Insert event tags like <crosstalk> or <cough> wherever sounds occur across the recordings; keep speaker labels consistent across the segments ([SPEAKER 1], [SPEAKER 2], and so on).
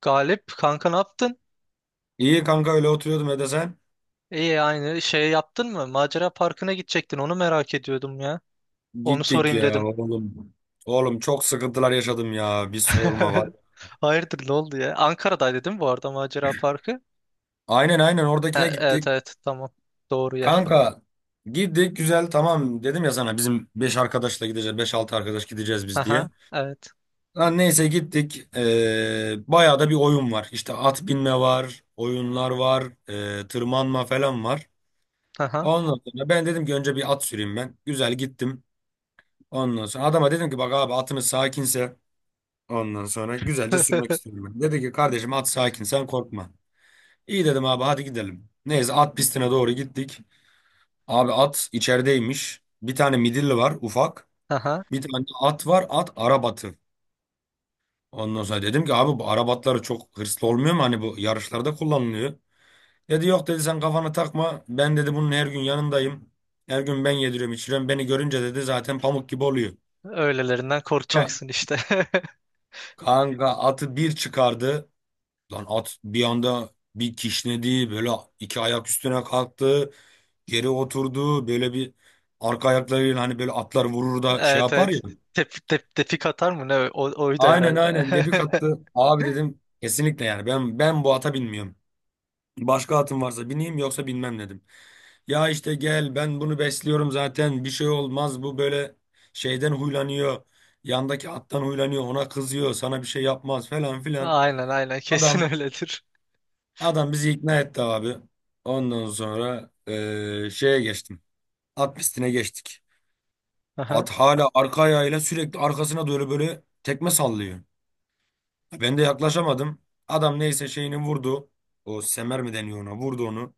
[SPEAKER 1] Galip kanka ne yaptın?
[SPEAKER 2] İyi kanka öyle oturuyordum Ede sen.
[SPEAKER 1] İyi aynı şey yaptın mı? Macera parkına gidecektin onu merak ediyordum ya. Onu
[SPEAKER 2] Gittik
[SPEAKER 1] sorayım
[SPEAKER 2] ya
[SPEAKER 1] dedim.
[SPEAKER 2] oğlum. Oğlum çok sıkıntılar yaşadım ya. Bir sorma var.
[SPEAKER 1] <laughs> Hayırdır ne oldu ya? Ankara'daydı değil mi bu arada macera parkı?
[SPEAKER 2] Aynen aynen oradakine
[SPEAKER 1] Ha, evet
[SPEAKER 2] gittik.
[SPEAKER 1] evet, tamam. Doğru yer.
[SPEAKER 2] Kanka gittik güzel tamam dedim ya sana bizim 5 arkadaşla gideceğiz. Beş altı arkadaş gideceğiz biz
[SPEAKER 1] Haha,
[SPEAKER 2] diye.
[SPEAKER 1] evet.
[SPEAKER 2] Lan neyse gittik. Bayağı da bir oyun var. İşte at binme var. Oyunlar var. Tırmanma falan var.
[SPEAKER 1] Haha.
[SPEAKER 2] Ondan sonra ben dedim ki önce bir at süreyim ben. Güzel gittim. Ondan sonra adama dedim ki bak abi atınız sakinse. Ondan sonra güzelce sürmek
[SPEAKER 1] <laughs>
[SPEAKER 2] istiyorum ben. Dedi ki kardeşim at sakin sen korkma. İyi dedim abi hadi gidelim. Neyse at pistine doğru gittik. Abi at içerideymiş. Bir tane midilli var ufak.
[SPEAKER 1] Haha.
[SPEAKER 2] Bir tane at var at arabatı. Ondan sonra dedim ki abi bu arabatları çok hırslı olmuyor mu? Hani bu yarışlarda kullanılıyor. Dedi yok dedi sen kafana takma. Ben dedi bunun her gün yanındayım. Her gün ben yediriyorum içiriyorum. Beni görünce dedi zaten pamuk gibi oluyor.
[SPEAKER 1] Öylelerinden
[SPEAKER 2] Ka-
[SPEAKER 1] korkacaksın işte. <laughs>
[SPEAKER 2] Kanka atı bir çıkardı. Lan at bir anda bir kişnedi böyle, iki ayak üstüne kalktı, geri oturdu böyle bir arka ayaklarıyla, hani böyle atlar vurur da şey
[SPEAKER 1] Evet
[SPEAKER 2] yapar
[SPEAKER 1] evet.
[SPEAKER 2] ya.
[SPEAKER 1] Tepik atar mı? Ne? O, oydu
[SPEAKER 2] Aynen
[SPEAKER 1] herhalde.
[SPEAKER 2] aynen debik
[SPEAKER 1] <laughs>
[SPEAKER 2] attı. Abi dedim kesinlikle yani ben bu ata binmiyorum. Başka atım varsa bineyim yoksa binmem dedim. Ya işte gel ben bunu besliyorum zaten bir şey olmaz bu böyle şeyden huylanıyor. Yandaki attan huylanıyor, ona kızıyor, sana bir şey yapmaz falan filan.
[SPEAKER 1] Aynen aynen, kesin
[SPEAKER 2] Adam
[SPEAKER 1] öyledir.
[SPEAKER 2] Adam bizi ikna etti abi. Ondan sonra şeye geçtim. At pistine geçtik.
[SPEAKER 1] Aha.
[SPEAKER 2] At hala arka ayağıyla sürekli arkasına doğru böyle tekme sallıyor. Ben de yaklaşamadım. Adam neyse şeyini vurdu. O semer mi deniyor ona? Vurdu onu.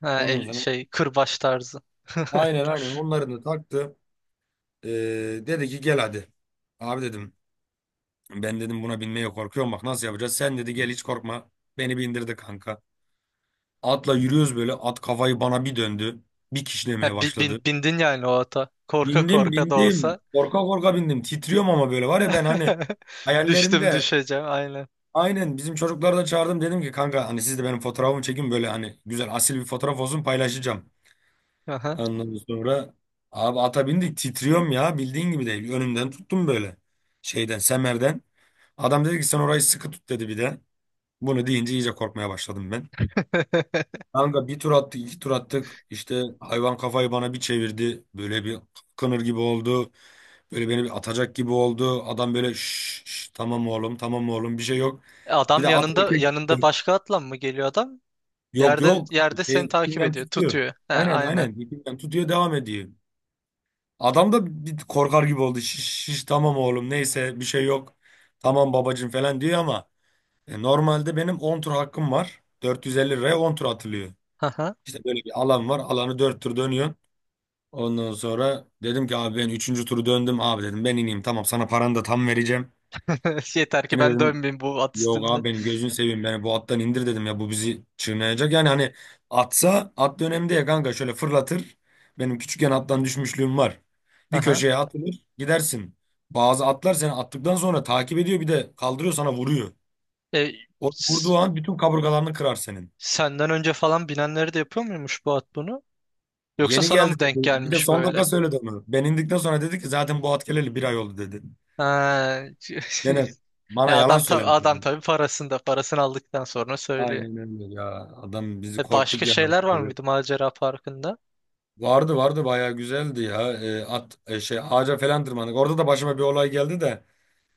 [SPEAKER 1] Ha,
[SPEAKER 2] Ondan
[SPEAKER 1] el,
[SPEAKER 2] sonra
[SPEAKER 1] şey, kırbaç tarzı. <laughs>
[SPEAKER 2] aynen aynen onların da taktı. Eee, Dedi ki gel hadi. Abi dedim ben dedim buna binmeye korkuyorum, bak nasıl yapacağız? Sen dedi gel hiç korkma. Beni bindirdi kanka. Atla yürüyoruz böyle. At kafayı bana bir döndü. Bir
[SPEAKER 1] Ha,
[SPEAKER 2] kişilemeye başladı.
[SPEAKER 1] bindin yani o ata. Korka
[SPEAKER 2] Bindim
[SPEAKER 1] korka da
[SPEAKER 2] bindim.
[SPEAKER 1] olsa.
[SPEAKER 2] Korka korka bindim. Titriyorum ama böyle var ya ben hani
[SPEAKER 1] <laughs> Düştüm
[SPEAKER 2] hayallerimde
[SPEAKER 1] düşeceğim, aynen.
[SPEAKER 2] aynen, bizim çocukları da çağırdım, dedim ki kanka hani siz de benim fotoğrafımı çekin böyle, hani güzel asil bir fotoğraf olsun paylaşacağım.
[SPEAKER 1] Aha.
[SPEAKER 2] Ondan sonra abi ata bindik titriyorum ya, bildiğin gibi değil. Önümden tuttum böyle şeyden, semerden. Adam dedi ki sen orayı sıkı tut dedi bir de. Bunu deyince iyice korkmaya başladım ben.
[SPEAKER 1] <laughs>
[SPEAKER 2] Kanka bir tur attık, iki tur attık. İşte hayvan kafayı bana bir çevirdi. Böyle bir kınır gibi oldu. Böyle beni bir atacak gibi oldu. Adam böyle şş, şş, tamam oğlum, tamam oğlum bir şey yok. Bir
[SPEAKER 1] Adam
[SPEAKER 2] de at
[SPEAKER 1] yanında
[SPEAKER 2] erkek.
[SPEAKER 1] yanında başka atla mı geliyor adam?
[SPEAKER 2] Yok
[SPEAKER 1] Yerde
[SPEAKER 2] yok.
[SPEAKER 1] yerde
[SPEAKER 2] Şey,
[SPEAKER 1] seni takip
[SPEAKER 2] ipinden
[SPEAKER 1] ediyor,
[SPEAKER 2] tutuyor.
[SPEAKER 1] tutuyor. Ha,
[SPEAKER 2] Aynen
[SPEAKER 1] aynen.
[SPEAKER 2] aynen. İpinden tutuyor, devam ediyor. Adam da bir korkar gibi oldu. Şiş, şiş, tamam oğlum neyse bir şey yok. Tamam babacığım falan diyor ama normalde benim 10 tur hakkım var. 450 liraya 10 tur atılıyor.
[SPEAKER 1] Aha.
[SPEAKER 2] İşte böyle bir alan var. Alanı 4 tur dönüyor. Ondan sonra dedim ki abi ben 3. turu döndüm. Abi dedim ben ineyim tamam, sana paranı da tam vereceğim.
[SPEAKER 1] <laughs> Yeter ki
[SPEAKER 2] Yine
[SPEAKER 1] ben
[SPEAKER 2] dedim
[SPEAKER 1] dönmeyeyim bu at
[SPEAKER 2] yok
[SPEAKER 1] üstünde.
[SPEAKER 2] abi benim gözünü seveyim beni bu attan indir dedim ya, bu bizi çiğneyecek. Yani hani atsa at dönemde ya kanka şöyle fırlatır. Benim küçükken attan düşmüşlüğüm var. Bir
[SPEAKER 1] Aha.
[SPEAKER 2] köşeye atılır gidersin. Bazı atlar seni attıktan sonra takip ediyor bir de, kaldırıyor sana vuruyor.
[SPEAKER 1] E,
[SPEAKER 2] O vurduğu
[SPEAKER 1] s-
[SPEAKER 2] an bütün kaburgalarını kırar senin.
[SPEAKER 1] senden önce falan binenleri de yapıyor muymuş bu at bunu? Yoksa
[SPEAKER 2] Yeni
[SPEAKER 1] sana
[SPEAKER 2] geldi
[SPEAKER 1] mı
[SPEAKER 2] dedi.
[SPEAKER 1] denk
[SPEAKER 2] Bir de
[SPEAKER 1] gelmiş
[SPEAKER 2] son
[SPEAKER 1] böyle?
[SPEAKER 2] dakika söyledi onu. Ben indikten sonra dedi ki zaten bu at geleli bir ay oldu dedi.
[SPEAKER 1] Ha.
[SPEAKER 2] Dene,
[SPEAKER 1] <laughs> E,
[SPEAKER 2] bana yalan
[SPEAKER 1] adam tabii
[SPEAKER 2] söylemiş
[SPEAKER 1] adam
[SPEAKER 2] adam.
[SPEAKER 1] tabii parasını aldıktan sonra söylüyor.
[SPEAKER 2] Aynen öyle ya. Adam bizi,
[SPEAKER 1] E, başka
[SPEAKER 2] korktuk yani.
[SPEAKER 1] şeyler var
[SPEAKER 2] Bayağı bir.
[SPEAKER 1] mıydı Macera Parkı'nda?
[SPEAKER 2] Vardı vardı, bayağı güzeldi ya. At şey, ağaca falan tırmandık. Orada da başıma bir olay geldi, de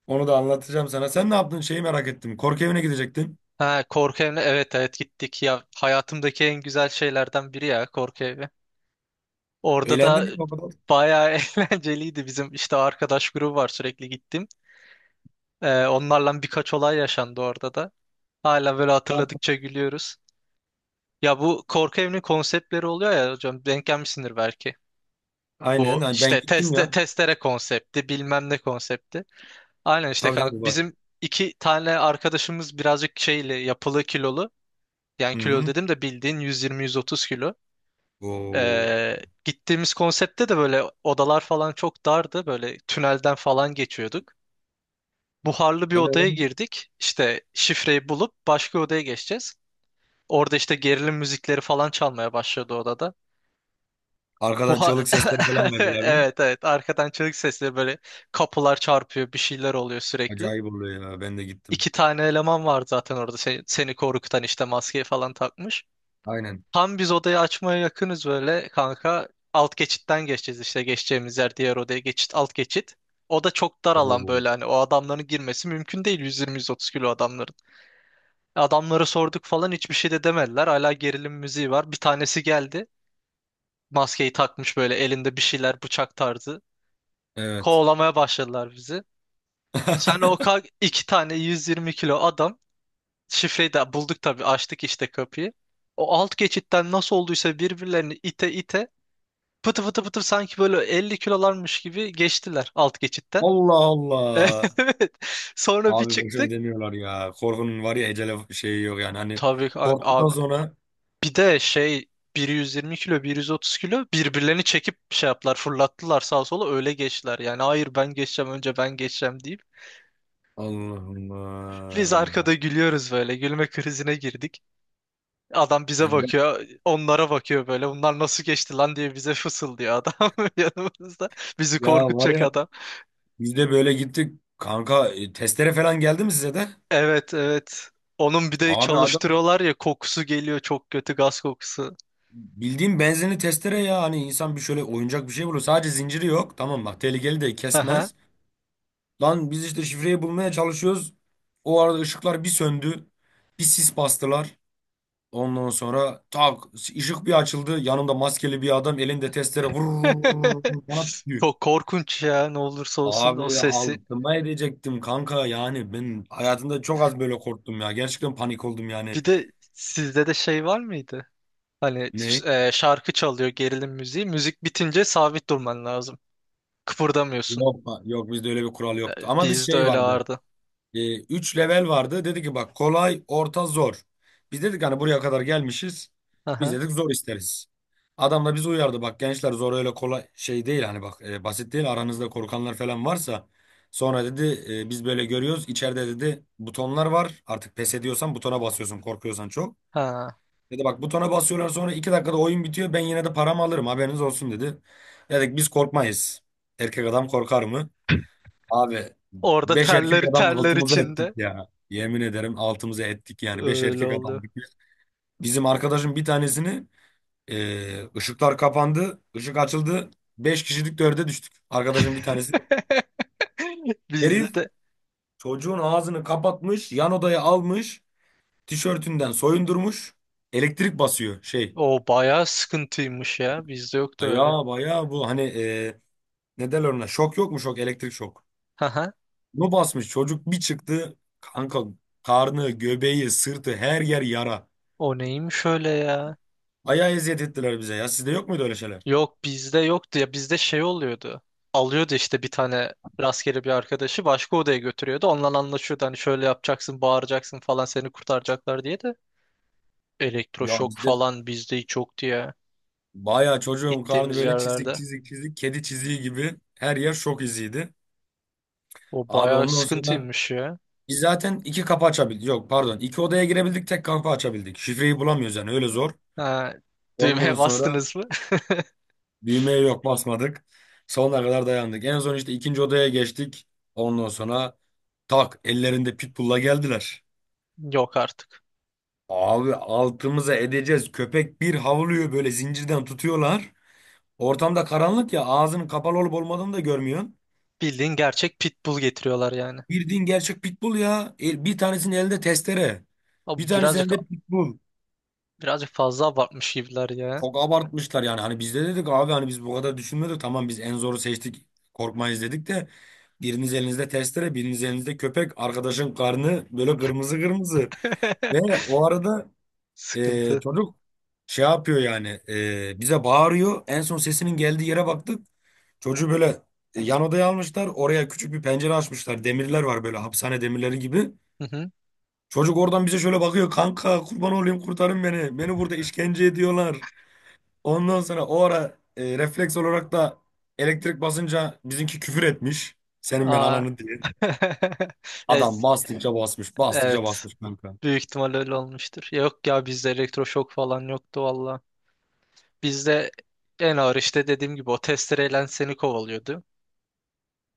[SPEAKER 2] onu da anlatacağım sana. Sen ne yaptın? Şeyi merak ettim. Korku evine gidecektin.
[SPEAKER 1] Ha, korku evine, evet evet, gittik ya, hayatımdaki en güzel şeylerden biri ya korku evi. Orada
[SPEAKER 2] Eğlendin
[SPEAKER 1] da
[SPEAKER 2] mi o kadar?
[SPEAKER 1] bayağı <laughs> eğlenceliydi, bizim işte arkadaş grubu var, sürekli gittim. E, onlarla birkaç olay yaşandı orada da. Hala böyle
[SPEAKER 2] Ne yaptın?
[SPEAKER 1] hatırladıkça gülüyoruz. Ya bu korku evinin konseptleri oluyor ya hocam, denk gelmişsindir belki.
[SPEAKER 2] Aynen.
[SPEAKER 1] Bu
[SPEAKER 2] Hani ben
[SPEAKER 1] işte
[SPEAKER 2] gittim ya.
[SPEAKER 1] testere konsepti, bilmem ne konsepti. Aynen işte
[SPEAKER 2] Tabii tabii
[SPEAKER 1] kanka,
[SPEAKER 2] var.
[SPEAKER 1] bizim iki tane arkadaşımız birazcık şeyli, yapılı, kilolu. Yani
[SPEAKER 2] Hı
[SPEAKER 1] kilo
[SPEAKER 2] hı.
[SPEAKER 1] dedim de bildiğin 120-130 kilo.
[SPEAKER 2] Oo.
[SPEAKER 1] Ee, Gittiğimiz konseptte de böyle odalar falan çok dardı. Böyle tünelden falan geçiyorduk. Buharlı bir odaya
[SPEAKER 2] Evet.
[SPEAKER 1] girdik. İşte şifreyi bulup başka odaya geçeceğiz. Orada işte gerilim müzikleri falan çalmaya başladı odada.
[SPEAKER 2] Arkadan
[SPEAKER 1] Buha
[SPEAKER 2] çığlık sesleri falan
[SPEAKER 1] <laughs>
[SPEAKER 2] verdiler mi?
[SPEAKER 1] Evet evet, arkadan çığlık sesleri böyle, kapılar çarpıyor, bir şeyler oluyor sürekli.
[SPEAKER 2] Acayip oluyor ya. Ben de gittim.
[SPEAKER 1] İki tane eleman var zaten orada, seni korkutan, işte maskeyi falan takmış.
[SPEAKER 2] Aynen.
[SPEAKER 1] Tam biz odayı açmaya yakınız böyle kanka. Alt geçitten geçeceğiz, işte geçeceğimiz yer diğer odaya geçit, alt geçit. O da çok dar alan,
[SPEAKER 2] Oo.
[SPEAKER 1] böyle hani o adamların girmesi mümkün değil, 120-130 kilo adamların. Adamları sorduk falan, hiçbir şey de demediler. Hala gerilim müziği var. Bir tanesi geldi. Maskeyi takmış, böyle elinde bir şeyler, bıçak tarzı.
[SPEAKER 2] Evet.
[SPEAKER 1] Kovalamaya başladılar bizi. Sen o
[SPEAKER 2] <laughs>
[SPEAKER 1] iki tane 120 kilo adam, şifreyi de bulduk tabii, açtık işte kapıyı. O alt geçitten nasıl olduysa birbirlerini ite ite, pıtı pıtı pıtı, sanki böyle 50 kilolarmış gibi geçtiler alt geçitten.
[SPEAKER 2] Allah
[SPEAKER 1] <laughs>
[SPEAKER 2] Allah.
[SPEAKER 1] Evet. Sonra bir
[SPEAKER 2] Abi boşuna
[SPEAKER 1] çıktık.
[SPEAKER 2] demiyorlar ya. Korkunun var ya ecele şeyi yok yani. Hani
[SPEAKER 1] Tabii ki
[SPEAKER 2] korktuktan
[SPEAKER 1] abi.
[SPEAKER 2] sonra.
[SPEAKER 1] Bir de şey, 120 kilo 130 kilo birbirlerini çekip şey yaptılar, fırlattılar sağa sola, öyle geçtiler. Yani hayır ben geçeceğim, önce ben geçeceğim deyip.
[SPEAKER 2] Allah
[SPEAKER 1] Biz arkada
[SPEAKER 2] Allah.
[SPEAKER 1] gülüyoruz böyle, gülme krizine girdik. Adam bize
[SPEAKER 2] Ya, ben,
[SPEAKER 1] bakıyor, onlara bakıyor, böyle bunlar nasıl geçti lan diye bize fısıldıyor adam <laughs> yanımızda. Bizi
[SPEAKER 2] ya var
[SPEAKER 1] korkutacak.
[SPEAKER 2] ya, biz de böyle gittik. Kanka testere falan geldi mi size de?
[SPEAKER 1] Evet evet. Onun bir de
[SPEAKER 2] Abi adam
[SPEAKER 1] çalıştırıyorlar ya, kokusu geliyor, çok kötü gaz kokusu.
[SPEAKER 2] bildiğin benzinli testere ya. Hani insan bir şöyle oyuncak bir şey bulur. Sadece zinciri yok. Tamam bak tehlikeli, de
[SPEAKER 1] Aha.
[SPEAKER 2] kesmez. Lan biz işte şifreyi bulmaya çalışıyoruz. O arada ışıklar bir söndü. Bir sis bastılar. Ondan sonra tak ışık bir açıldı. Yanımda maskeli bir adam, elinde testere, vurur
[SPEAKER 1] <laughs>
[SPEAKER 2] bana diyor.
[SPEAKER 1] Çok korkunç ya, ne olursa olsun o
[SPEAKER 2] Abi
[SPEAKER 1] sesi.
[SPEAKER 2] altıma edecektim kanka, yani ben hayatımda çok az böyle korktum ya. Gerçekten panik oldum yani.
[SPEAKER 1] Bir de sizde de şey var mıydı? Hani
[SPEAKER 2] Ne?
[SPEAKER 1] şarkı çalıyor, gerilim müziği. Müzik bitince sabit durman lazım. Kıpırdamıyorsun.
[SPEAKER 2] Yok, yok, bizde öyle bir kural yoktu.
[SPEAKER 1] E,
[SPEAKER 2] Ama bir
[SPEAKER 1] bizde
[SPEAKER 2] şey
[SPEAKER 1] öyle
[SPEAKER 2] vardı.
[SPEAKER 1] vardı.
[SPEAKER 2] 3 level vardı. Dedi ki bak kolay, orta, zor. Biz dedik hani buraya kadar gelmişiz. Biz
[SPEAKER 1] Aha.
[SPEAKER 2] dedik zor isteriz. Adam da bizi uyardı. Bak gençler zor öyle kolay şey değil, hani bak basit değil. Aranızda korkanlar falan varsa, sonra dedi biz böyle görüyoruz. İçeride dedi butonlar var. Artık pes ediyorsan butona basıyorsun, korkuyorsan çok.
[SPEAKER 1] Ha.
[SPEAKER 2] Dedi bak butona basıyorlar sonra 2 dakikada oyun bitiyor. Ben yine de paramı alırım haberiniz olsun dedi. Dedik biz korkmayız. Erkek adam korkar mı? Abi
[SPEAKER 1] Orada
[SPEAKER 2] beş erkek
[SPEAKER 1] terler
[SPEAKER 2] adam
[SPEAKER 1] terler
[SPEAKER 2] altımıza ettik
[SPEAKER 1] içinde.
[SPEAKER 2] ya. Yemin ederim altımıza ettik yani. Beş
[SPEAKER 1] Öyle
[SPEAKER 2] erkek
[SPEAKER 1] oluyor.
[SPEAKER 2] adam. Bizim arkadaşın bir tanesini ışıklar kapandı. Işık açıldı. Beş kişilik dörde düştük. Arkadaşın bir tanesi.
[SPEAKER 1] <laughs> Bizde
[SPEAKER 2] Herif
[SPEAKER 1] de
[SPEAKER 2] çocuğun ağzını kapatmış. Yan odaya almış. Tişörtünden soyundurmuş. Elektrik basıyor şey.
[SPEAKER 1] o bayağı sıkıntıymış ya. Bizde yoktu öyle.
[SPEAKER 2] Baya baya bu hani ne derler ona? Şok, yok mu şok? Elektrik şok.
[SPEAKER 1] <laughs>
[SPEAKER 2] Bunu basmış. Çocuk bir çıktı. Kanka karnı, göbeği, sırtı her yer yara.
[SPEAKER 1] O neymiş öyle ya?
[SPEAKER 2] Bayağı eziyet ettiler bize ya. Sizde yok muydu öyle şeyler?
[SPEAKER 1] Yok, bizde yoktu ya, bizde şey oluyordu. Alıyordu işte bir tane rastgele bir arkadaşı başka odaya götürüyordu. Onunla anlaşıyordu, hani şöyle yapacaksın, bağıracaksın falan, seni kurtaracaklar diye de.
[SPEAKER 2] Ya
[SPEAKER 1] Elektroşok
[SPEAKER 2] bizde
[SPEAKER 1] falan bizde hiç yoktu ya
[SPEAKER 2] bayağı, çocuğun karnı
[SPEAKER 1] gittiğimiz
[SPEAKER 2] böyle çizik
[SPEAKER 1] yerlerde.
[SPEAKER 2] çizik çizik, kedi çiziği gibi her yer şok iziydi.
[SPEAKER 1] O
[SPEAKER 2] Abi
[SPEAKER 1] bayağı
[SPEAKER 2] ondan sonra
[SPEAKER 1] sıkıntıymış ya.
[SPEAKER 2] biz zaten iki kapı açabildik. Yok pardon, iki odaya girebildik tek kapı açabildik. Şifreyi bulamıyoruz yani öyle zor.
[SPEAKER 1] Ha,
[SPEAKER 2] Ondan
[SPEAKER 1] düğmeye
[SPEAKER 2] sonra
[SPEAKER 1] bastınız mı?
[SPEAKER 2] düğmeye yok basmadık. Sonuna kadar dayandık. En son işte ikinci odaya geçtik. Ondan sonra tak ellerinde pitbull'la geldiler.
[SPEAKER 1] <laughs> Yok artık.
[SPEAKER 2] Abi altımıza edeceğiz. Köpek bir havlıyor böyle, zincirden tutuyorlar. Ortamda karanlık ya, ağzının kapalı olup olmadığını da görmüyorsun.
[SPEAKER 1] Bildiğin gerçek pitbull getiriyorlar yani.
[SPEAKER 2] Bildiğin gerçek pitbull ya. Bir tanesinin elinde testere. Bir
[SPEAKER 1] Abi
[SPEAKER 2] tanesinin
[SPEAKER 1] birazcık
[SPEAKER 2] elinde pitbull.
[SPEAKER 1] birazcık fazla abartmış gibiler ya.
[SPEAKER 2] Çok abartmışlar yani. Hani biz de dedik abi hani biz bu kadar düşünmedik. Tamam biz en zoru seçtik. Korkmayız dedik de. Biriniz elinizde testere, biriniz elinizde köpek. Arkadaşın karnı böyle kırmızı kırmızı. Ve
[SPEAKER 1] <laughs>
[SPEAKER 2] o arada
[SPEAKER 1] Sıkıntı.
[SPEAKER 2] çocuk şey yapıyor yani. E, bize bağırıyor. En son sesinin geldiği yere baktık. Çocuğu böyle yan odaya almışlar. Oraya küçük bir pencere açmışlar. Demirler var böyle, hapishane demirleri gibi.
[SPEAKER 1] Hı hı.
[SPEAKER 2] Çocuk oradan bize şöyle bakıyor. Kanka kurban olayım kurtarın beni. Beni burada işkence ediyorlar. Ondan sonra o ara refleks olarak da elektrik basınca bizimki küfür etmiş. Senin ben
[SPEAKER 1] Aa.
[SPEAKER 2] ananı diye.
[SPEAKER 1] <laughs>
[SPEAKER 2] Adam
[SPEAKER 1] Ez-
[SPEAKER 2] bastıkça basmış. Bastıkça
[SPEAKER 1] Evet.
[SPEAKER 2] basmış kanka.
[SPEAKER 1] Büyük ihtimal öyle olmuştur. Yok ya, bizde elektroşok falan yoktu valla. Bizde en ağır, işte dediğim gibi, o testereyle seni kovalıyordu.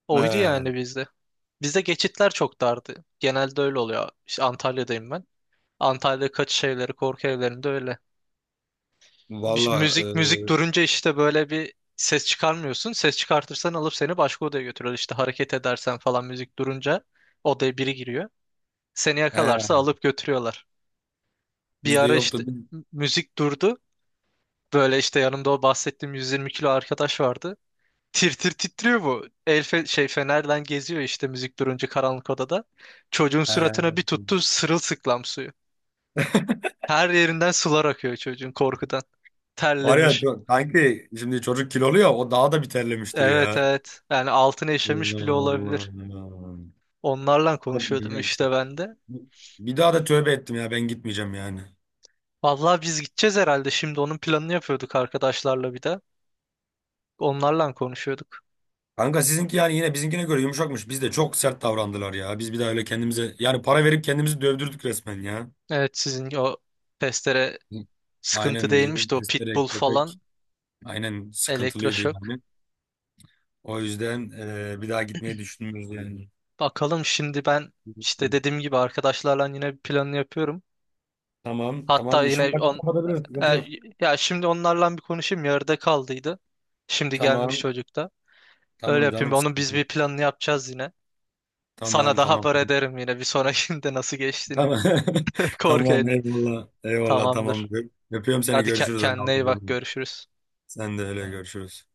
[SPEAKER 1] Oydu
[SPEAKER 2] He,
[SPEAKER 1] yani bizde. Bizde geçitler çok dardı. Genelde öyle oluyor. İşte Antalya'dayım ben. Antalya kaçış evleri, korku evlerinde öyle.
[SPEAKER 2] Valla
[SPEAKER 1] Müzik durunca işte böyle bir ses çıkarmıyorsun. Ses çıkartırsan alıp seni başka odaya götürüyor. İşte hareket edersen falan, müzik durunca odaya biri giriyor. Seni
[SPEAKER 2] e,
[SPEAKER 1] yakalarsa
[SPEAKER 2] he,
[SPEAKER 1] alıp götürüyorlar. Bir
[SPEAKER 2] bizde
[SPEAKER 1] ara işte
[SPEAKER 2] yoktu.
[SPEAKER 1] müzik durdu. Böyle işte yanımda o bahsettiğim 120 kilo arkadaş vardı. Tir tir titriyor bu. El fe- şey Fenerden geziyor işte müzik durunca karanlık odada. Çocuğun
[SPEAKER 2] He.
[SPEAKER 1] suratına bir tuttu sırılsıklam suyu. Her yerinden sular akıyor çocuğun, korkudan.
[SPEAKER 2] Var ya
[SPEAKER 1] Terlemiş.
[SPEAKER 2] kanki, şimdi çocuk kilolu ya, o daha da bir terlemiştir
[SPEAKER 1] Evet
[SPEAKER 2] ya.
[SPEAKER 1] evet. Yani altına işemiş bile
[SPEAKER 2] Allah
[SPEAKER 1] olabilir.
[SPEAKER 2] Allah.
[SPEAKER 1] Onlarla
[SPEAKER 2] Çok
[SPEAKER 1] konuşuyordum
[SPEAKER 2] manyak bir şey.
[SPEAKER 1] işte ben de.
[SPEAKER 2] Bir daha da tövbe ettim ya, ben gitmeyeceğim yani.
[SPEAKER 1] Vallahi biz gideceğiz herhalde. Şimdi onun planını yapıyorduk arkadaşlarla bir de. Onlarla konuşuyorduk.
[SPEAKER 2] Kanka sizinki yani yine bizimkine göre yumuşakmış. Biz de çok sert davrandılar ya. Biz bir daha öyle kendimize yani para verip kendimizi dövdürdük resmen ya.
[SPEAKER 1] Evet, sizin o testere sıkıntı
[SPEAKER 2] Aynen bizim
[SPEAKER 1] değilmiş de o
[SPEAKER 2] testere,
[SPEAKER 1] pitbull
[SPEAKER 2] köpek
[SPEAKER 1] falan,
[SPEAKER 2] aynen sıkıntılıydı
[SPEAKER 1] elektroşok.
[SPEAKER 2] yani. O yüzden bir daha gitmeyi düşünmüyoruz yani.
[SPEAKER 1] Bakalım, şimdi ben işte dediğim gibi arkadaşlarla yine bir planını yapıyorum.
[SPEAKER 2] Tamam tamam
[SPEAKER 1] Hatta
[SPEAKER 2] işim
[SPEAKER 1] yine
[SPEAKER 2] var kapatabiliriz sıkıntı
[SPEAKER 1] e,
[SPEAKER 2] yok.
[SPEAKER 1] ya şimdi onlarla bir konuşayım, yarıda kaldıydı. Şimdi gelmiş
[SPEAKER 2] Tamam
[SPEAKER 1] çocuk da. Öyle
[SPEAKER 2] tamam
[SPEAKER 1] yapayım.
[SPEAKER 2] canım
[SPEAKER 1] Onun
[SPEAKER 2] sıkıntı
[SPEAKER 1] biz
[SPEAKER 2] yok.
[SPEAKER 1] bir planını yapacağız yine. Sana
[SPEAKER 2] Tamam
[SPEAKER 1] da
[SPEAKER 2] tamam.
[SPEAKER 1] haber ederim yine, bir sonrakinde nasıl geçtiğini.
[SPEAKER 2] Tamam. <laughs>
[SPEAKER 1] <laughs> Korku
[SPEAKER 2] Tamam
[SPEAKER 1] yani.
[SPEAKER 2] eyvallah. Eyvallah tamam.
[SPEAKER 1] Tamamdır.
[SPEAKER 2] Öpüyorum seni,
[SPEAKER 1] Hadi
[SPEAKER 2] görüşürüz.
[SPEAKER 1] kendine iyi bak, görüşürüz.
[SPEAKER 2] Sen de öyle, görüşürüz.